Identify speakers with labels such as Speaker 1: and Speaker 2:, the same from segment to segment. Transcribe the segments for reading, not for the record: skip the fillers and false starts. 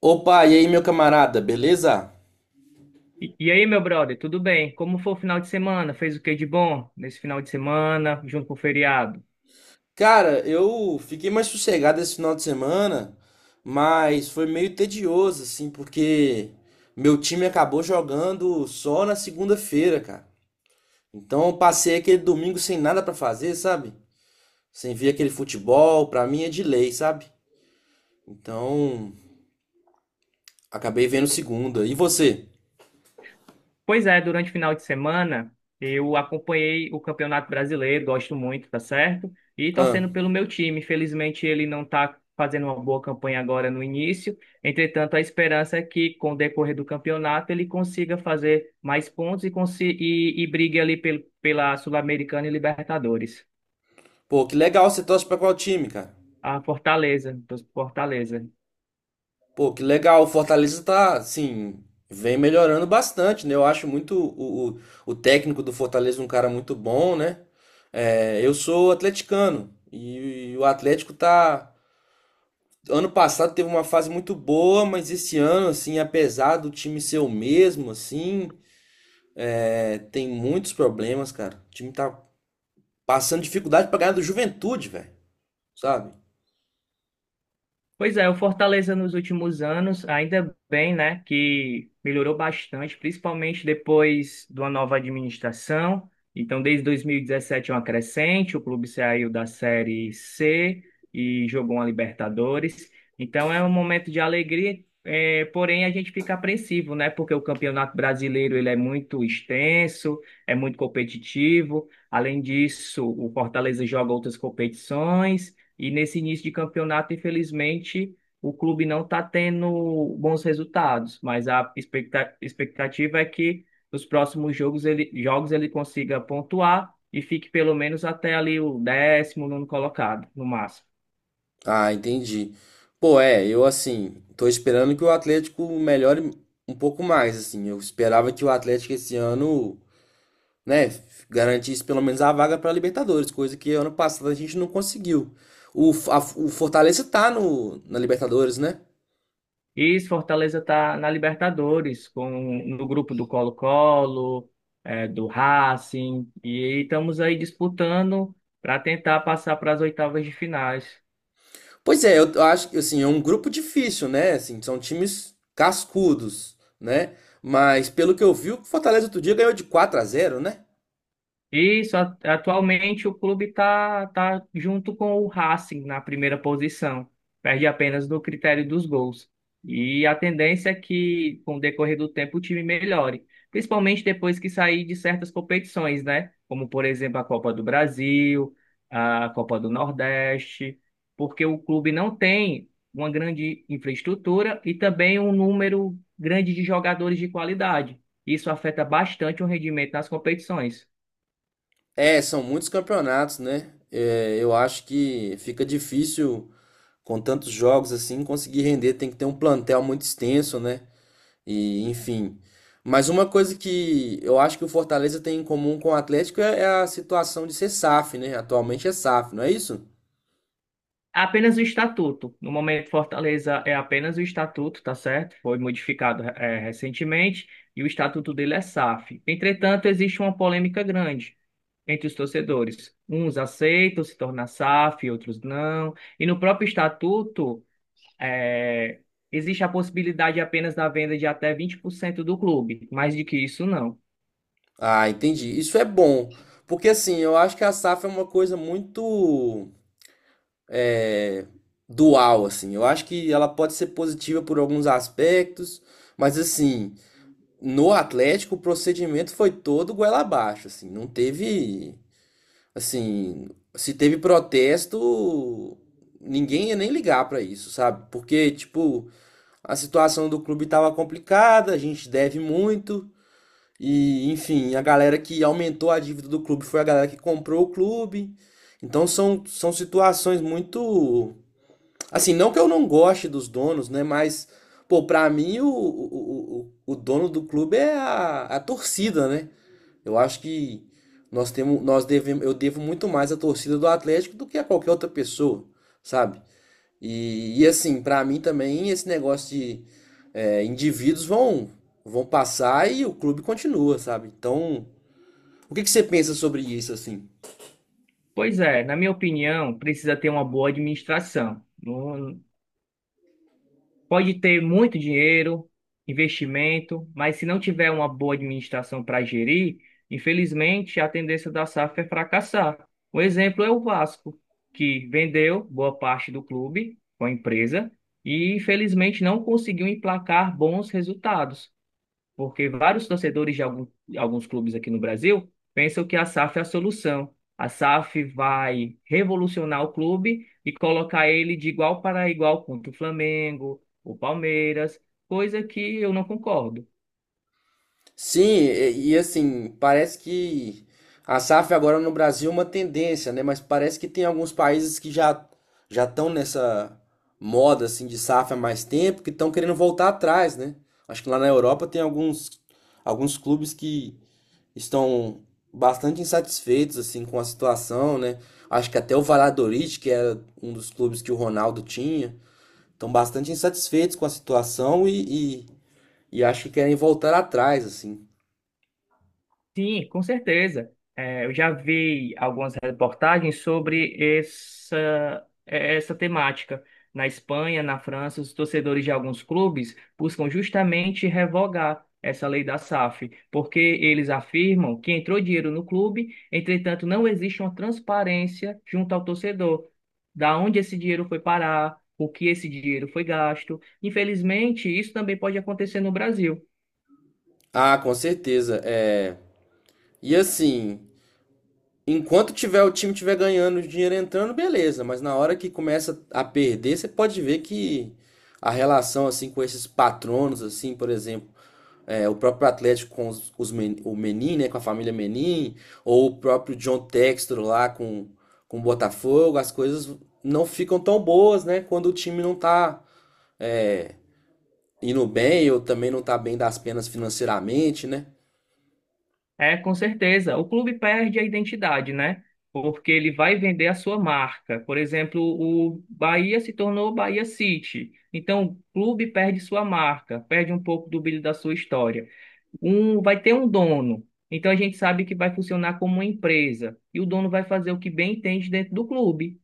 Speaker 1: Opa, e aí, meu camarada, beleza?
Speaker 2: E aí, meu brother, tudo bem? Como foi o final de semana? Fez o que de bom nesse final de semana, junto com o feriado?
Speaker 1: Cara, eu fiquei mais sossegado esse final de semana, mas foi meio tedioso, assim, porque meu time acabou jogando só na segunda-feira, cara. Então eu passei aquele domingo sem nada pra fazer, sabe? Sem ver aquele futebol, pra mim é de lei, sabe? Então, acabei vendo segunda. E você?
Speaker 2: Pois é, durante o final de semana eu acompanhei o Campeonato Brasileiro, gosto muito, tá certo? E
Speaker 1: Ah,
Speaker 2: torcendo pelo meu time. Infelizmente, ele não tá fazendo uma boa campanha agora no início. Entretanto, a esperança é que, com o decorrer do campeonato, ele consiga fazer mais pontos e brigue ali pela Sul-Americana e Libertadores.
Speaker 1: pô, que legal, você torce pra qual time, cara?
Speaker 2: A Fortaleza, torço pro Fortaleza.
Speaker 1: Pô, que legal. O Fortaleza tá, assim, vem melhorando bastante, né? Eu acho muito o técnico do Fortaleza um cara muito bom, né? É, eu sou atleticano e o Atlético tá. Ano passado teve uma fase muito boa, mas esse ano, assim, apesar do time ser o mesmo, assim, é, tem muitos problemas, cara. O time tá passando dificuldade pra ganhar do Juventude, velho. Sabe?
Speaker 2: Pois é, o Fortaleza nos últimos anos, ainda bem, né, que melhorou bastante, principalmente depois de uma nova administração. Então, desde 2017 é uma crescente, o clube saiu da Série C e jogou uma Libertadores. Então, é um momento de alegria, é, porém a gente fica apreensivo, né, porque o Campeonato Brasileiro ele é muito extenso, é muito competitivo. Além disso, o Fortaleza joga outras competições. E nesse início de campeonato, infelizmente, o clube não está tendo bons resultados, mas a expectativa é que nos próximos jogos ele consiga pontuar e fique pelo menos até ali o décimo nono colocado, no máximo.
Speaker 1: Ah, entendi. Pô, é, eu assim, tô esperando que o Atlético melhore um pouco mais, assim. Eu esperava que o Atlético esse ano, né, garantisse pelo menos a vaga pra Libertadores, coisa que ano passado a gente não conseguiu. O Fortaleza tá no, na Libertadores, né?
Speaker 2: E se Fortaleza está na Libertadores, com, no grupo do Colo-Colo, do Racing, e estamos aí disputando para tentar passar para as oitavas de finais.
Speaker 1: Pois é, eu, acho que assim, é um grupo difícil, né? Assim, são times cascudos, né? Mas pelo que eu vi, o Fortaleza outro dia ganhou de 4 a zero, né?
Speaker 2: Isso, a- atualmente o clube está junto com o Racing na primeira posição, perde apenas no critério dos gols. E a tendência é que, com o decorrer do tempo, o time melhore, principalmente depois que sair de certas competições, né? Como, por exemplo, a Copa do Brasil, a Copa do Nordeste, porque o clube não tem uma grande infraestrutura e também um número grande de jogadores de qualidade. Isso afeta bastante o rendimento nas competições.
Speaker 1: É, são muitos campeonatos, né? É, eu acho que fica difícil com tantos jogos assim conseguir render. Tem que ter um plantel muito extenso, né? E enfim. Mas uma coisa que eu acho que o Fortaleza tem em comum com o Atlético é a situação de ser SAF, né? Atualmente é SAF, não é isso?
Speaker 2: Apenas o estatuto. No momento, Fortaleza é apenas o estatuto, tá certo? Foi modificado recentemente e o estatuto dele é SAF. Entretanto, existe uma polêmica grande entre os torcedores. Uns aceitam se tornar SAF, outros não. E no próprio estatuto, eh, existe a possibilidade apenas da venda de até 20% do clube, mais do que isso não.
Speaker 1: Ah, entendi. Isso é bom. Porque assim, eu acho que a SAF é uma coisa muito é, dual, assim. Eu acho que ela pode ser positiva por alguns aspectos, mas assim. No Atlético, o procedimento foi todo goela abaixo, assim, não teve, assim, se teve protesto, ninguém ia nem ligar pra isso, sabe? Porque, tipo, a situação do clube tava complicada, a gente deve muito e, enfim, a galera que aumentou a dívida do clube foi a galera que comprou o clube. Então são situações muito. Assim, não que eu não goste dos donos, né? Mas, pô, pra mim o dono do clube é a torcida, né? Eu acho que nós temos, nós devemos, eu devo muito mais à torcida do Atlético do que a qualquer outra pessoa, sabe? E assim, pra mim também esse negócio de é, vão passar e o clube continua, sabe? Então, o que que você pensa sobre isso, assim?
Speaker 2: Pois é, na minha opinião, precisa ter uma boa administração. Não. Pode ter muito dinheiro, investimento, mas se não tiver uma boa administração para gerir, infelizmente a tendência da SAF é fracassar. Um exemplo é o Vasco, que vendeu boa parte do clube com a empresa e infelizmente não conseguiu emplacar bons resultados porque vários torcedores de alguns clubes aqui no Brasil pensam que a SAF é a solução. A SAF vai revolucionar o clube e colocar ele de igual para igual contra o Flamengo, o Palmeiras, coisa que eu não concordo.
Speaker 1: Sim, e assim, parece que a SAF agora no Brasil é uma tendência, né? Mas parece que tem alguns países que já estão nessa moda assim de SAF há mais tempo, que estão querendo voltar atrás, né? Acho que lá na Europa tem alguns clubes que estão bastante insatisfeitos assim com a situação, né? Acho que até o Valladolid, que era um dos clubes que o Ronaldo tinha, estão bastante insatisfeitos com a situação e acho que querem voltar atrás, assim.
Speaker 2: Sim, com certeza. É, eu já vi algumas reportagens sobre essa, é, essa temática. Na Espanha, na França, os torcedores de alguns clubes buscam justamente revogar essa lei da SAF, porque eles afirmam que entrou dinheiro no clube, entretanto, não existe uma transparência junto ao torcedor, da onde esse dinheiro foi parar, o que esse dinheiro foi gasto. Infelizmente, isso também pode acontecer no Brasil.
Speaker 1: Ah, com certeza. É. E assim, enquanto tiver o time tiver ganhando, o dinheiro entrando, beleza. Mas na hora que começa a perder, você pode ver que a relação assim com esses patronos, assim, por exemplo, é, o próprio Atlético com os o Menin, né, com a família Menin, ou o próprio John Textor lá com o Botafogo, as coisas não ficam tão boas, né, quando o time não tá é, indo bem ou também não tá bem das penas financeiramente, né?
Speaker 2: É, com certeza. O clube perde a identidade, né? Porque ele vai vender a sua marca. Por exemplo, o Bahia se tornou Bahia City. Então, o clube perde sua marca, perde um pouco do brilho da sua história. Um vai ter um dono. Então, a gente sabe que vai funcionar como uma empresa. E o dono vai fazer o que bem entende dentro do clube.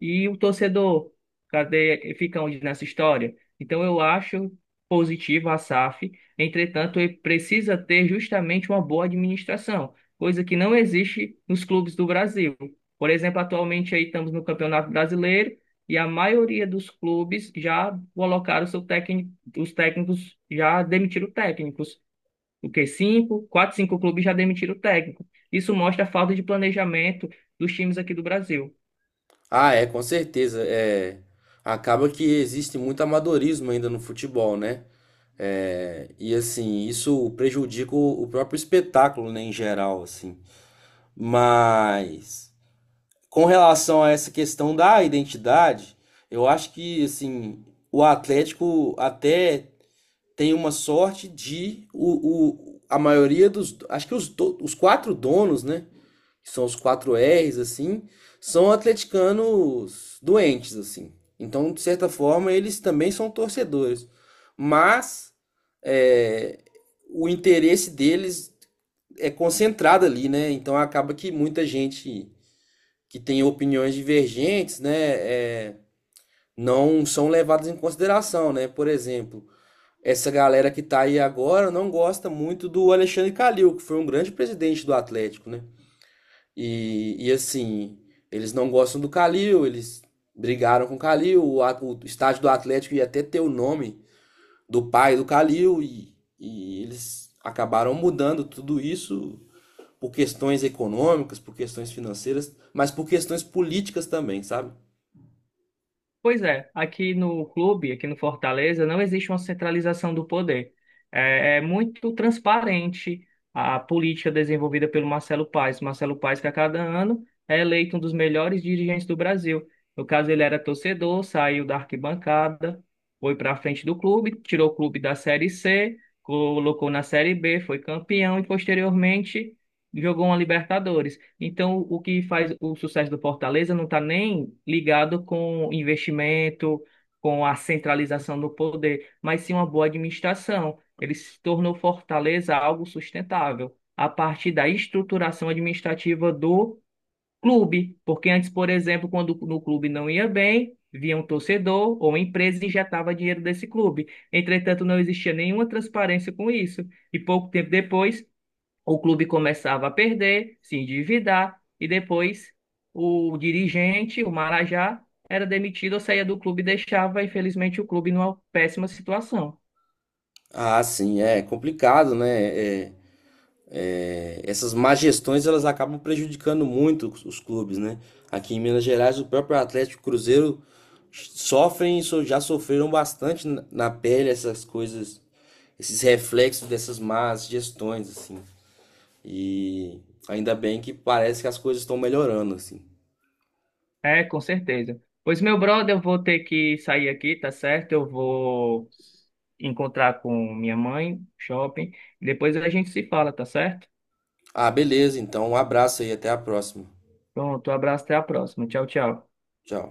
Speaker 2: E o torcedor, cadê, fica onde nessa história? Então eu acho positivo a SAF, entretanto, ele precisa ter justamente uma boa administração, coisa que não existe nos clubes do Brasil. Por exemplo, atualmente aí estamos no Campeonato Brasileiro e a maioria dos clubes já colocaram seu técnico, os técnicos já demitiram técnicos. O que cinco, quatro, cinco clubes já demitiram o técnico. Isso mostra a falta de planejamento dos times aqui do Brasil.
Speaker 1: Ah, é, com certeza. É, acaba que existe muito amadorismo ainda no futebol, né? É, e assim, isso prejudica o próprio espetáculo, né, em geral, assim. Mas com relação a essa questão da identidade, eu acho que assim, o Atlético até tem uma sorte de a maioria dos, acho que os quatro donos, né? Que são os quatro R's, assim, são atleticanos doentes, assim. Então, de certa forma, eles também são torcedores. Mas é, o interesse deles é concentrado ali, né? Então acaba que muita gente que tem opiniões divergentes, né, é, não são levadas em consideração, né? Por exemplo, essa galera que tá aí agora não gosta muito do Alexandre Calil, que foi um grande presidente do Atlético, né? E assim, eles não gostam do Calil, eles brigaram com o Calil, o estádio do Atlético ia até ter o nome do pai do Calil, e eles acabaram mudando tudo isso por questões econômicas, por questões financeiras, mas por questões políticas também, sabe?
Speaker 2: Pois é, aqui no clube, aqui no Fortaleza, não existe uma centralização do poder. É, é muito transparente a política desenvolvida pelo Marcelo Paes. Marcelo Paes, que a cada ano é eleito um dos melhores dirigentes do Brasil. No caso, ele era torcedor, saiu da arquibancada, foi para a frente do clube, tirou o clube da Série C, colocou na Série B, foi campeão e, posteriormente, jogou uma Libertadores. Então, o que faz o sucesso do Fortaleza não está nem ligado com investimento, com a centralização do poder, mas sim uma boa administração. Ele se tornou Fortaleza algo sustentável a partir da estruturação administrativa do clube. Porque antes, por exemplo, quando no clube não ia bem, vinha um torcedor ou uma empresa e injetava dinheiro desse clube. Entretanto, não existia nenhuma transparência com isso. E pouco tempo depois, o clube começava a perder, se endividar e depois o dirigente, o Marajá, era demitido ou saía do clube e deixava, infelizmente, o clube numa péssima situação.
Speaker 1: Ah, sim, é complicado, né? Essas má gestões elas acabam prejudicando muito os clubes, né? Aqui em Minas Gerais, o próprio Atlético e Cruzeiro já sofreram bastante na pele essas coisas, esses reflexos dessas más gestões, assim. E ainda bem que parece que as coisas estão melhorando, assim.
Speaker 2: É, com certeza. Pois, meu brother, eu vou ter que sair aqui, tá certo? Eu vou encontrar com minha mãe, shopping. Depois a gente se fala, tá certo?
Speaker 1: Ah, beleza, então um abraço aí, até a próxima.
Speaker 2: Pronto, um abraço, até a próxima. Tchau, tchau.
Speaker 1: Tchau.